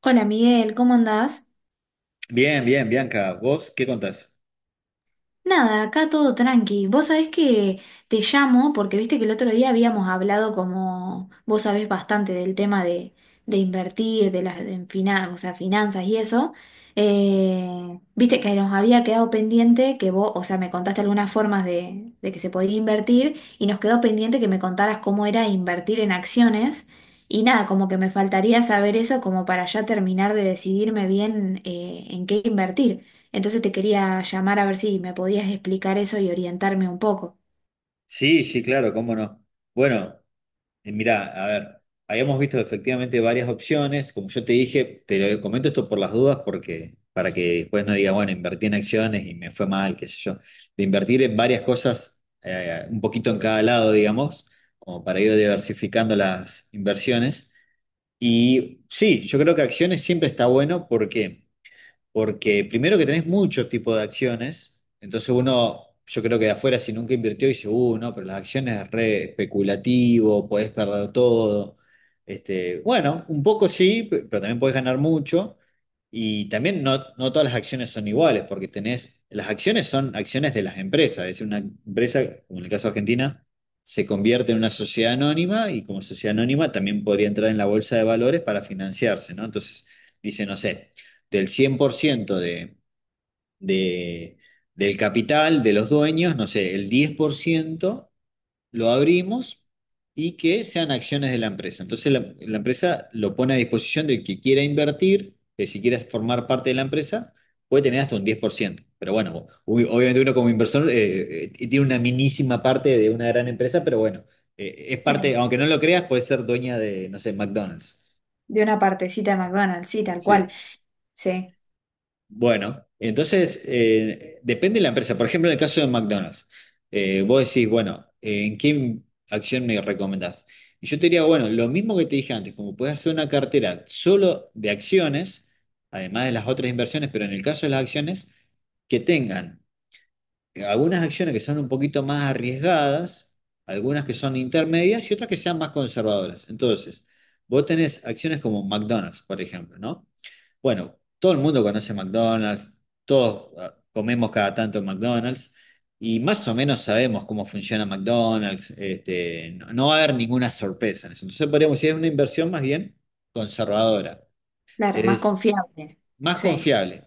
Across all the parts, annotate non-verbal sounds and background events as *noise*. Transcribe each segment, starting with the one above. Hola Miguel, ¿cómo andás? Bien, bien, Bianca. ¿Vos qué contás? Nada, acá todo tranqui. Vos sabés que te llamo porque viste que el otro día habíamos hablado como vos sabés bastante del tema de invertir, de las de finan- o sea, finanzas y eso. Viste que nos había quedado pendiente que vos, o sea, me contaste algunas formas de que se podía invertir y nos quedó pendiente que me contaras cómo era invertir en acciones. Y nada, como que me faltaría saber eso como para ya terminar de decidirme bien en qué invertir. Entonces te quería llamar a ver si me podías explicar eso y orientarme un poco. Sí, sí, claro, cómo no. Bueno, mirá, a ver, habíamos visto efectivamente varias opciones. Como yo te dije, te lo comento esto por las dudas porque para que después no diga, bueno, invertí en acciones y me fue mal, qué sé yo. De invertir en varias cosas, un poquito en cada lado, digamos, como para ir diversificando las inversiones. Y sí, yo creo que acciones siempre está bueno porque porque primero que tenés muchos tipos de acciones, entonces uno, yo creo que de afuera si nunca invirtió dice, no, pero las acciones es re especulativo, podés perder todo. Este, bueno, un poco sí, pero también podés ganar mucho. Y también no, no todas las acciones son iguales, porque tenés, las acciones son acciones de las empresas, es decir, una empresa, como en el caso de Argentina, se convierte en una sociedad anónima y como sociedad anónima también podría entrar en la bolsa de valores para financiarse, ¿no? Entonces, dice, no sé, del 100% de- del capital de los dueños, no sé, el 10% lo abrimos y que sean acciones de la empresa. Entonces la empresa lo pone a disposición del que quiera invertir, que si quieres formar parte de la empresa, puede tener hasta un 10%. Pero bueno, obviamente uno como inversor tiene una minísima parte de una gran empresa, pero bueno, es Sí. parte, aunque no lo creas, puede ser dueña de, no sé, McDonald's. De una partecita de McDonald's, sí, tal cual. Sí. Sí, Bueno, entonces depende de la empresa. Por ejemplo, en el caso de McDonald's, vos decís, bueno, ¿en qué acción me recomendás? Y yo te diría, bueno, lo mismo que te dije antes, como puedes hacer una cartera solo de acciones, además de las otras inversiones, pero en el caso de las acciones, que tengan algunas acciones que son un poquito más arriesgadas, algunas que son intermedias y otras que sean más conservadoras. Entonces, vos tenés acciones como McDonald's, por ejemplo, ¿no? Bueno, todo el mundo conoce McDonald's, todos ah, comemos cada tanto en McDonald's y más o menos sabemos cómo funciona McDonald's, este, no, no va a haber ninguna sorpresa en eso. Entonces podríamos decir, es una inversión más bien conservadora. claro, más Es, confiable. más Sí, confiable.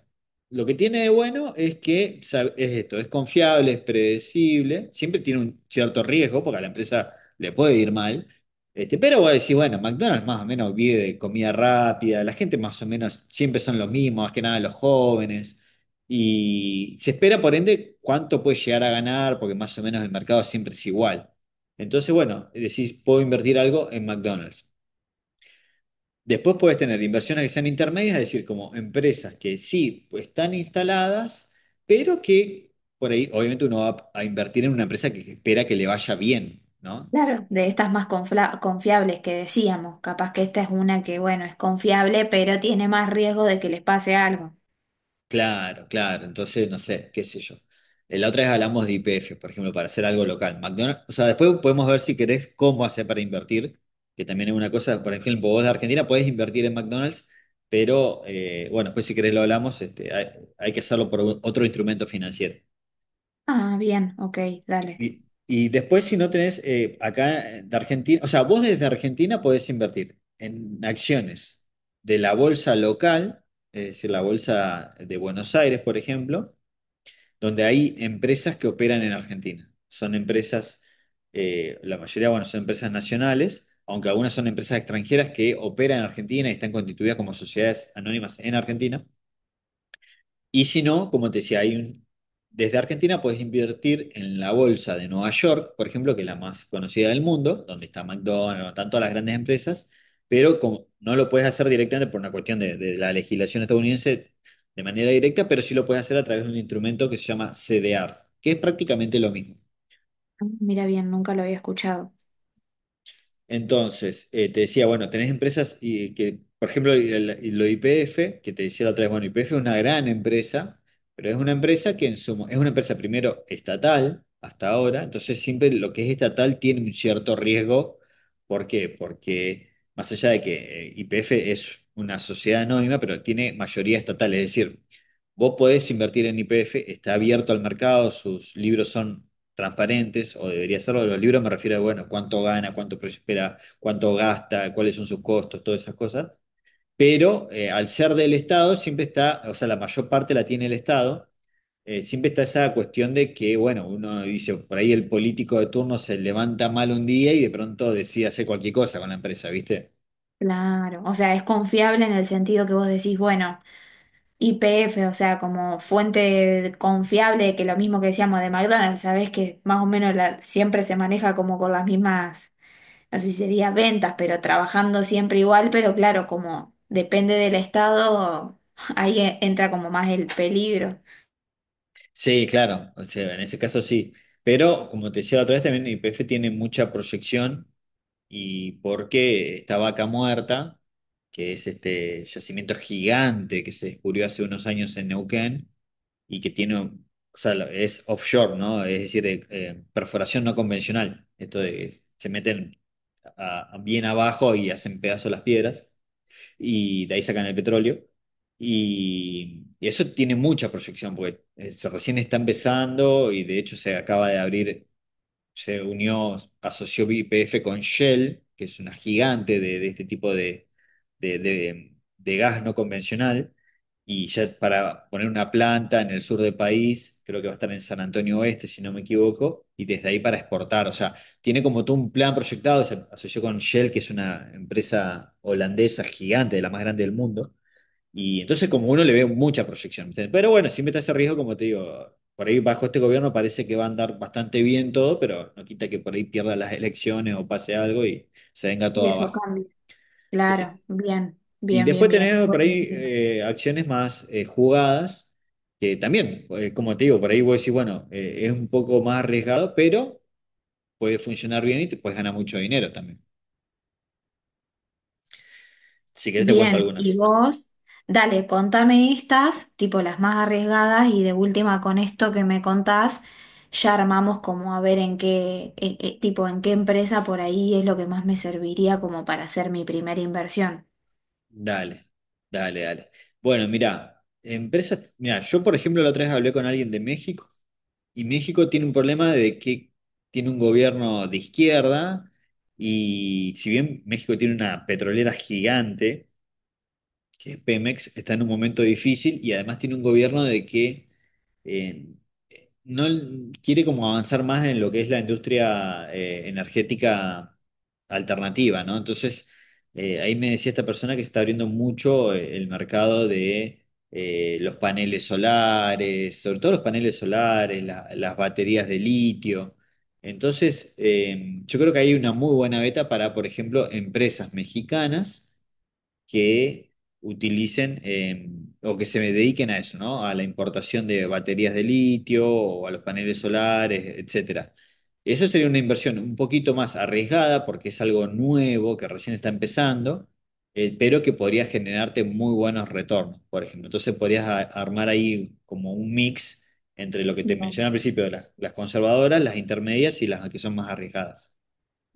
Lo que tiene de bueno es que es esto, es confiable, es predecible, siempre tiene un cierto riesgo porque a la empresa le puede ir mal, este, pero vos decís, bueno, McDonald's más o menos vive de comida rápida, la gente más o menos siempre son los mismos, más que nada los jóvenes, y se espera por ende cuánto puede llegar a ganar porque más o menos el mercado siempre es igual. Entonces, bueno, decís, puedo invertir algo en McDonald's. Después puedes tener inversiones que sean intermedias, es decir, como empresas que sí pues, están instaladas, pero que por ahí, obviamente, uno va a invertir en una empresa que espera que le vaya bien, ¿no? claro, de estas más confiables que decíamos. Capaz que esta es una que, bueno, es confiable, pero tiene más riesgo de que les pase algo. Claro, claro. Entonces, no sé, qué sé yo. La otra vez hablamos de IPF, por ejemplo, para hacer algo local. McDonald's, o sea, después podemos ver si querés cómo hacer para invertir, que también es una cosa, por ejemplo, vos de Argentina podés invertir en McDonald's, pero bueno, después si querés lo hablamos, este, hay que hacerlo por otro instrumento financiero. Ah, bien, ok, dale. Y después, si no tenés acá de Argentina, o sea, vos desde Argentina podés invertir en acciones de la bolsa local, es decir, la bolsa de Buenos Aires, por ejemplo, donde hay empresas que operan en Argentina. Son empresas, la mayoría, bueno, son empresas nacionales, aunque algunas son empresas extranjeras que operan en Argentina y están constituidas como sociedades anónimas en Argentina. Y si no, como te decía, desde Argentina puedes invertir en la bolsa de Nueva York, por ejemplo, que es la más conocida del mundo, donde está McDonald's, tanto las grandes empresas, pero como no lo puedes hacer directamente por una cuestión de la legislación estadounidense de manera directa, pero sí lo puedes hacer a través de un instrumento que se llama CDR, que es prácticamente lo mismo. Ah, mira, bien, nunca lo había escuchado. Entonces, te decía, bueno, tenés empresas y, que, por ejemplo, y lo IPF, que te decía la otra vez, bueno, IPF es una gran empresa, pero es una empresa que en su, es una empresa primero estatal hasta ahora, entonces siempre lo que es estatal tiene un cierto riesgo. ¿Por qué? Porque más allá de que IPF es una sociedad anónima, pero tiene mayoría estatal, es decir, vos podés invertir en IPF, está abierto al mercado, sus libros son transparentes, o debería serlo, los libros me refiero a, bueno, cuánto gana, cuánto prospera, cuánto gasta, cuáles son sus costos, todas esas cosas. Pero al ser del Estado, siempre está, o sea, la mayor parte la tiene el Estado, siempre está esa cuestión de que, bueno, uno dice, por ahí el político de turno se levanta mal un día y de pronto decide hacer cualquier cosa con la empresa, ¿viste? Claro, o sea, es confiable en el sentido que vos decís, bueno. YPF, o sea, como fuente confiable, que lo mismo que decíamos de McDonald's, sabes que más o menos siempre se maneja como con las mismas, no sé si sería ventas, pero trabajando siempre igual, pero claro, como depende del estado, *laughs* ahí entra como más el peligro. Sí, claro, o sea, en ese caso sí. Pero, como te decía la otra vez, también YPF tiene mucha proyección y porque esta vaca muerta, que es este yacimiento gigante que se descubrió hace unos años en Neuquén y que tiene, o sea, es offshore, ¿no? Es decir, perforación no convencional. Esto de que se meten bien abajo y hacen pedazos las piedras y de ahí sacan el petróleo. Y eso tiene mucha proyección porque se recién está empezando y de hecho se acaba de abrir se unió, asoció YPF con Shell, que es una gigante de este tipo de, de, de- de gas no convencional, y ya para poner una planta en el sur del país, creo que va a estar en San Antonio Oeste, si no me equivoco, y desde ahí para exportar, o sea, tiene como todo un plan proyectado, se asoció con Shell, que es una empresa holandesa gigante, de la más grande del mundo, y entonces como uno le ve mucha proyección, ¿viste? Pero bueno, siempre está ese riesgo, como te digo, por ahí bajo este gobierno parece que va a andar bastante bien todo, pero no quita que por ahí pierda las elecciones o pase algo y se venga todo Y eso abajo. cambia. Claro, Sí. bien, Y bien, bien, después bien. tenemos por Bueno, ahí bien. Acciones más jugadas, que también, como te digo, por ahí vos decís, bueno, es un poco más arriesgado, pero puede funcionar bien y te puedes ganar mucho dinero también. Si querés te cuento Bien, y algunas. vos, dale, contame estas, tipo las más arriesgadas, y de última con esto que me contás, ya armamos como a ver en qué, tipo en qué empresa por ahí es lo que más me serviría como para hacer mi primera inversión. Dale, dale, dale. Bueno, mirá, empresas, mirá, yo por ejemplo la otra vez hablé con alguien de México y México tiene un problema de que tiene un gobierno de izquierda y si bien México tiene una petrolera gigante, que es Pemex, está en un momento difícil y además tiene un gobierno de que eh, no quiere como avanzar más en lo que es la industria energética alternativa, ¿no? Entonces, ahí me decía esta persona que se está abriendo mucho el mercado de los paneles solares, sobre todo los paneles solares, las baterías de litio. Entonces, yo creo que hay una muy buena beta para, por ejemplo, empresas mexicanas que utilicen o que se dediquen a eso, ¿no? A la importación de baterías de litio o a los paneles solares, etcétera. Eso sería una inversión un poquito más arriesgada porque es algo nuevo que recién está empezando, pero que podría generarte muy buenos retornos, por ejemplo. Entonces podrías armar ahí como un mix entre lo que te mencioné al principio, las conservadoras, las intermedias y las que son más arriesgadas.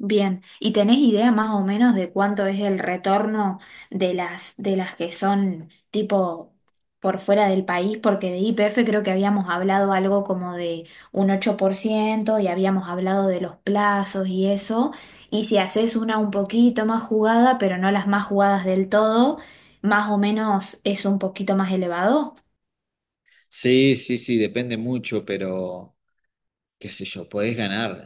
Bien, ¿y tenés idea más o menos de cuánto es el retorno de las que son tipo por fuera del país? Porque de IPF creo que habíamos hablado algo como de un 8%, y habíamos hablado de los plazos y eso. Y si haces una un poquito más jugada, pero no las más jugadas del todo, más o menos es un poquito más elevado. Sí, sí, sí, depende mucho, pero qué sé yo, podés ganar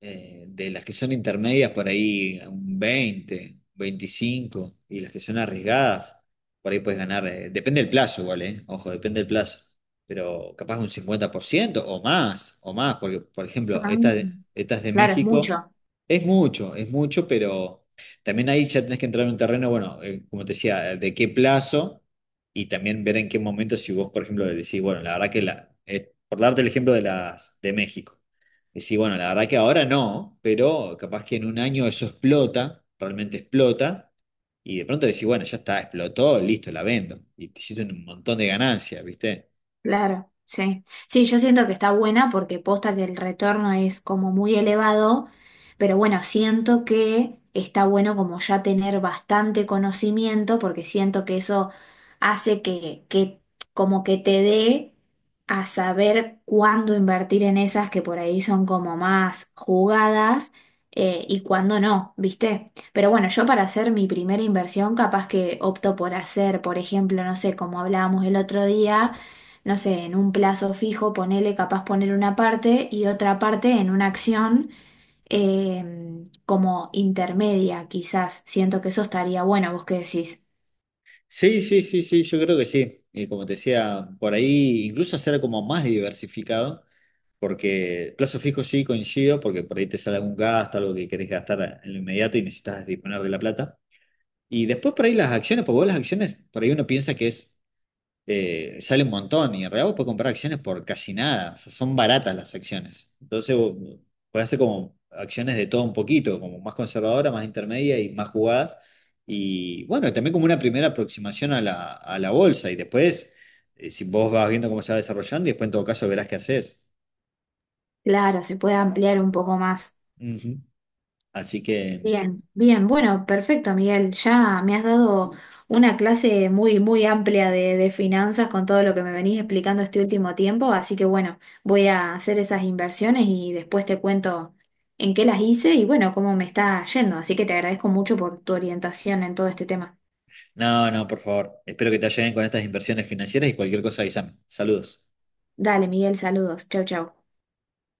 de las que son intermedias por ahí un 20 25 y las que son arriesgadas, por ahí podés ganar, depende del plazo igual, ojo, depende del plazo, pero capaz un 50% o más, porque por ejemplo, Ah, esta, esta es de claro, es México, mucho. Es mucho, pero también ahí ya tenés que entrar en un terreno, bueno, como te decía, de qué plazo y también ver en qué momento, si vos, por ejemplo, decís, bueno, la verdad que la, por darte el ejemplo de las de México, decís, bueno, la verdad que ahora no, pero capaz que en un año eso explota, realmente explota, y de pronto decís, bueno, ya está, explotó, listo, la vendo, y te hiciste un montón de ganancias, ¿viste? Claro, sí. Sí, yo siento que está buena porque posta que el retorno es como muy elevado, pero bueno, siento que está bueno como ya tener bastante conocimiento porque siento que eso hace que como que te dé a saber cuándo invertir en esas que por ahí son como más jugadas y cuándo no, ¿viste? Pero bueno, yo para hacer mi primera inversión capaz que opto por hacer, por ejemplo, no sé, como hablábamos el otro día, no sé, en un plazo fijo, ponele, capaz poner una parte y otra parte en una acción como intermedia, quizás. Siento que eso estaría bueno, vos qué decís. Sí, sí, sí, sí, yo creo que sí. Y como te decía, por ahí incluso hacer como más diversificado, porque plazo fijo sí coincido, porque por ahí te sale algún gasto, algo que querés gastar en lo inmediato y necesitas disponer de la plata. Y después por ahí las acciones, porque vos las acciones, por ahí uno piensa que es, sale un montón y en realidad vos podés comprar acciones por casi nada, o sea, son baratas las acciones. Entonces vos podés hacer como acciones de todo un poquito, como más conservadora, más intermedia y más jugadas. Y bueno, también como una primera aproximación a la bolsa y después, si vos vas viendo cómo se va desarrollando y después en todo caso verás qué haces. Claro, se puede ampliar un poco más. Ujú. Así que, Bien, bien, bueno, perfecto, Miguel. Ya me has dado una clase muy, muy amplia de finanzas con todo lo que me venís explicando este último tiempo, así que bueno, voy a hacer esas inversiones y después te cuento en qué las hice y bueno, cómo me está yendo. Así que te agradezco mucho por tu orientación en todo este tema. no, no, por favor, espero que te ayuden con estas inversiones financieras y cualquier cosa, avísame. Saludos. Dale, Miguel, saludos. Chau, chau.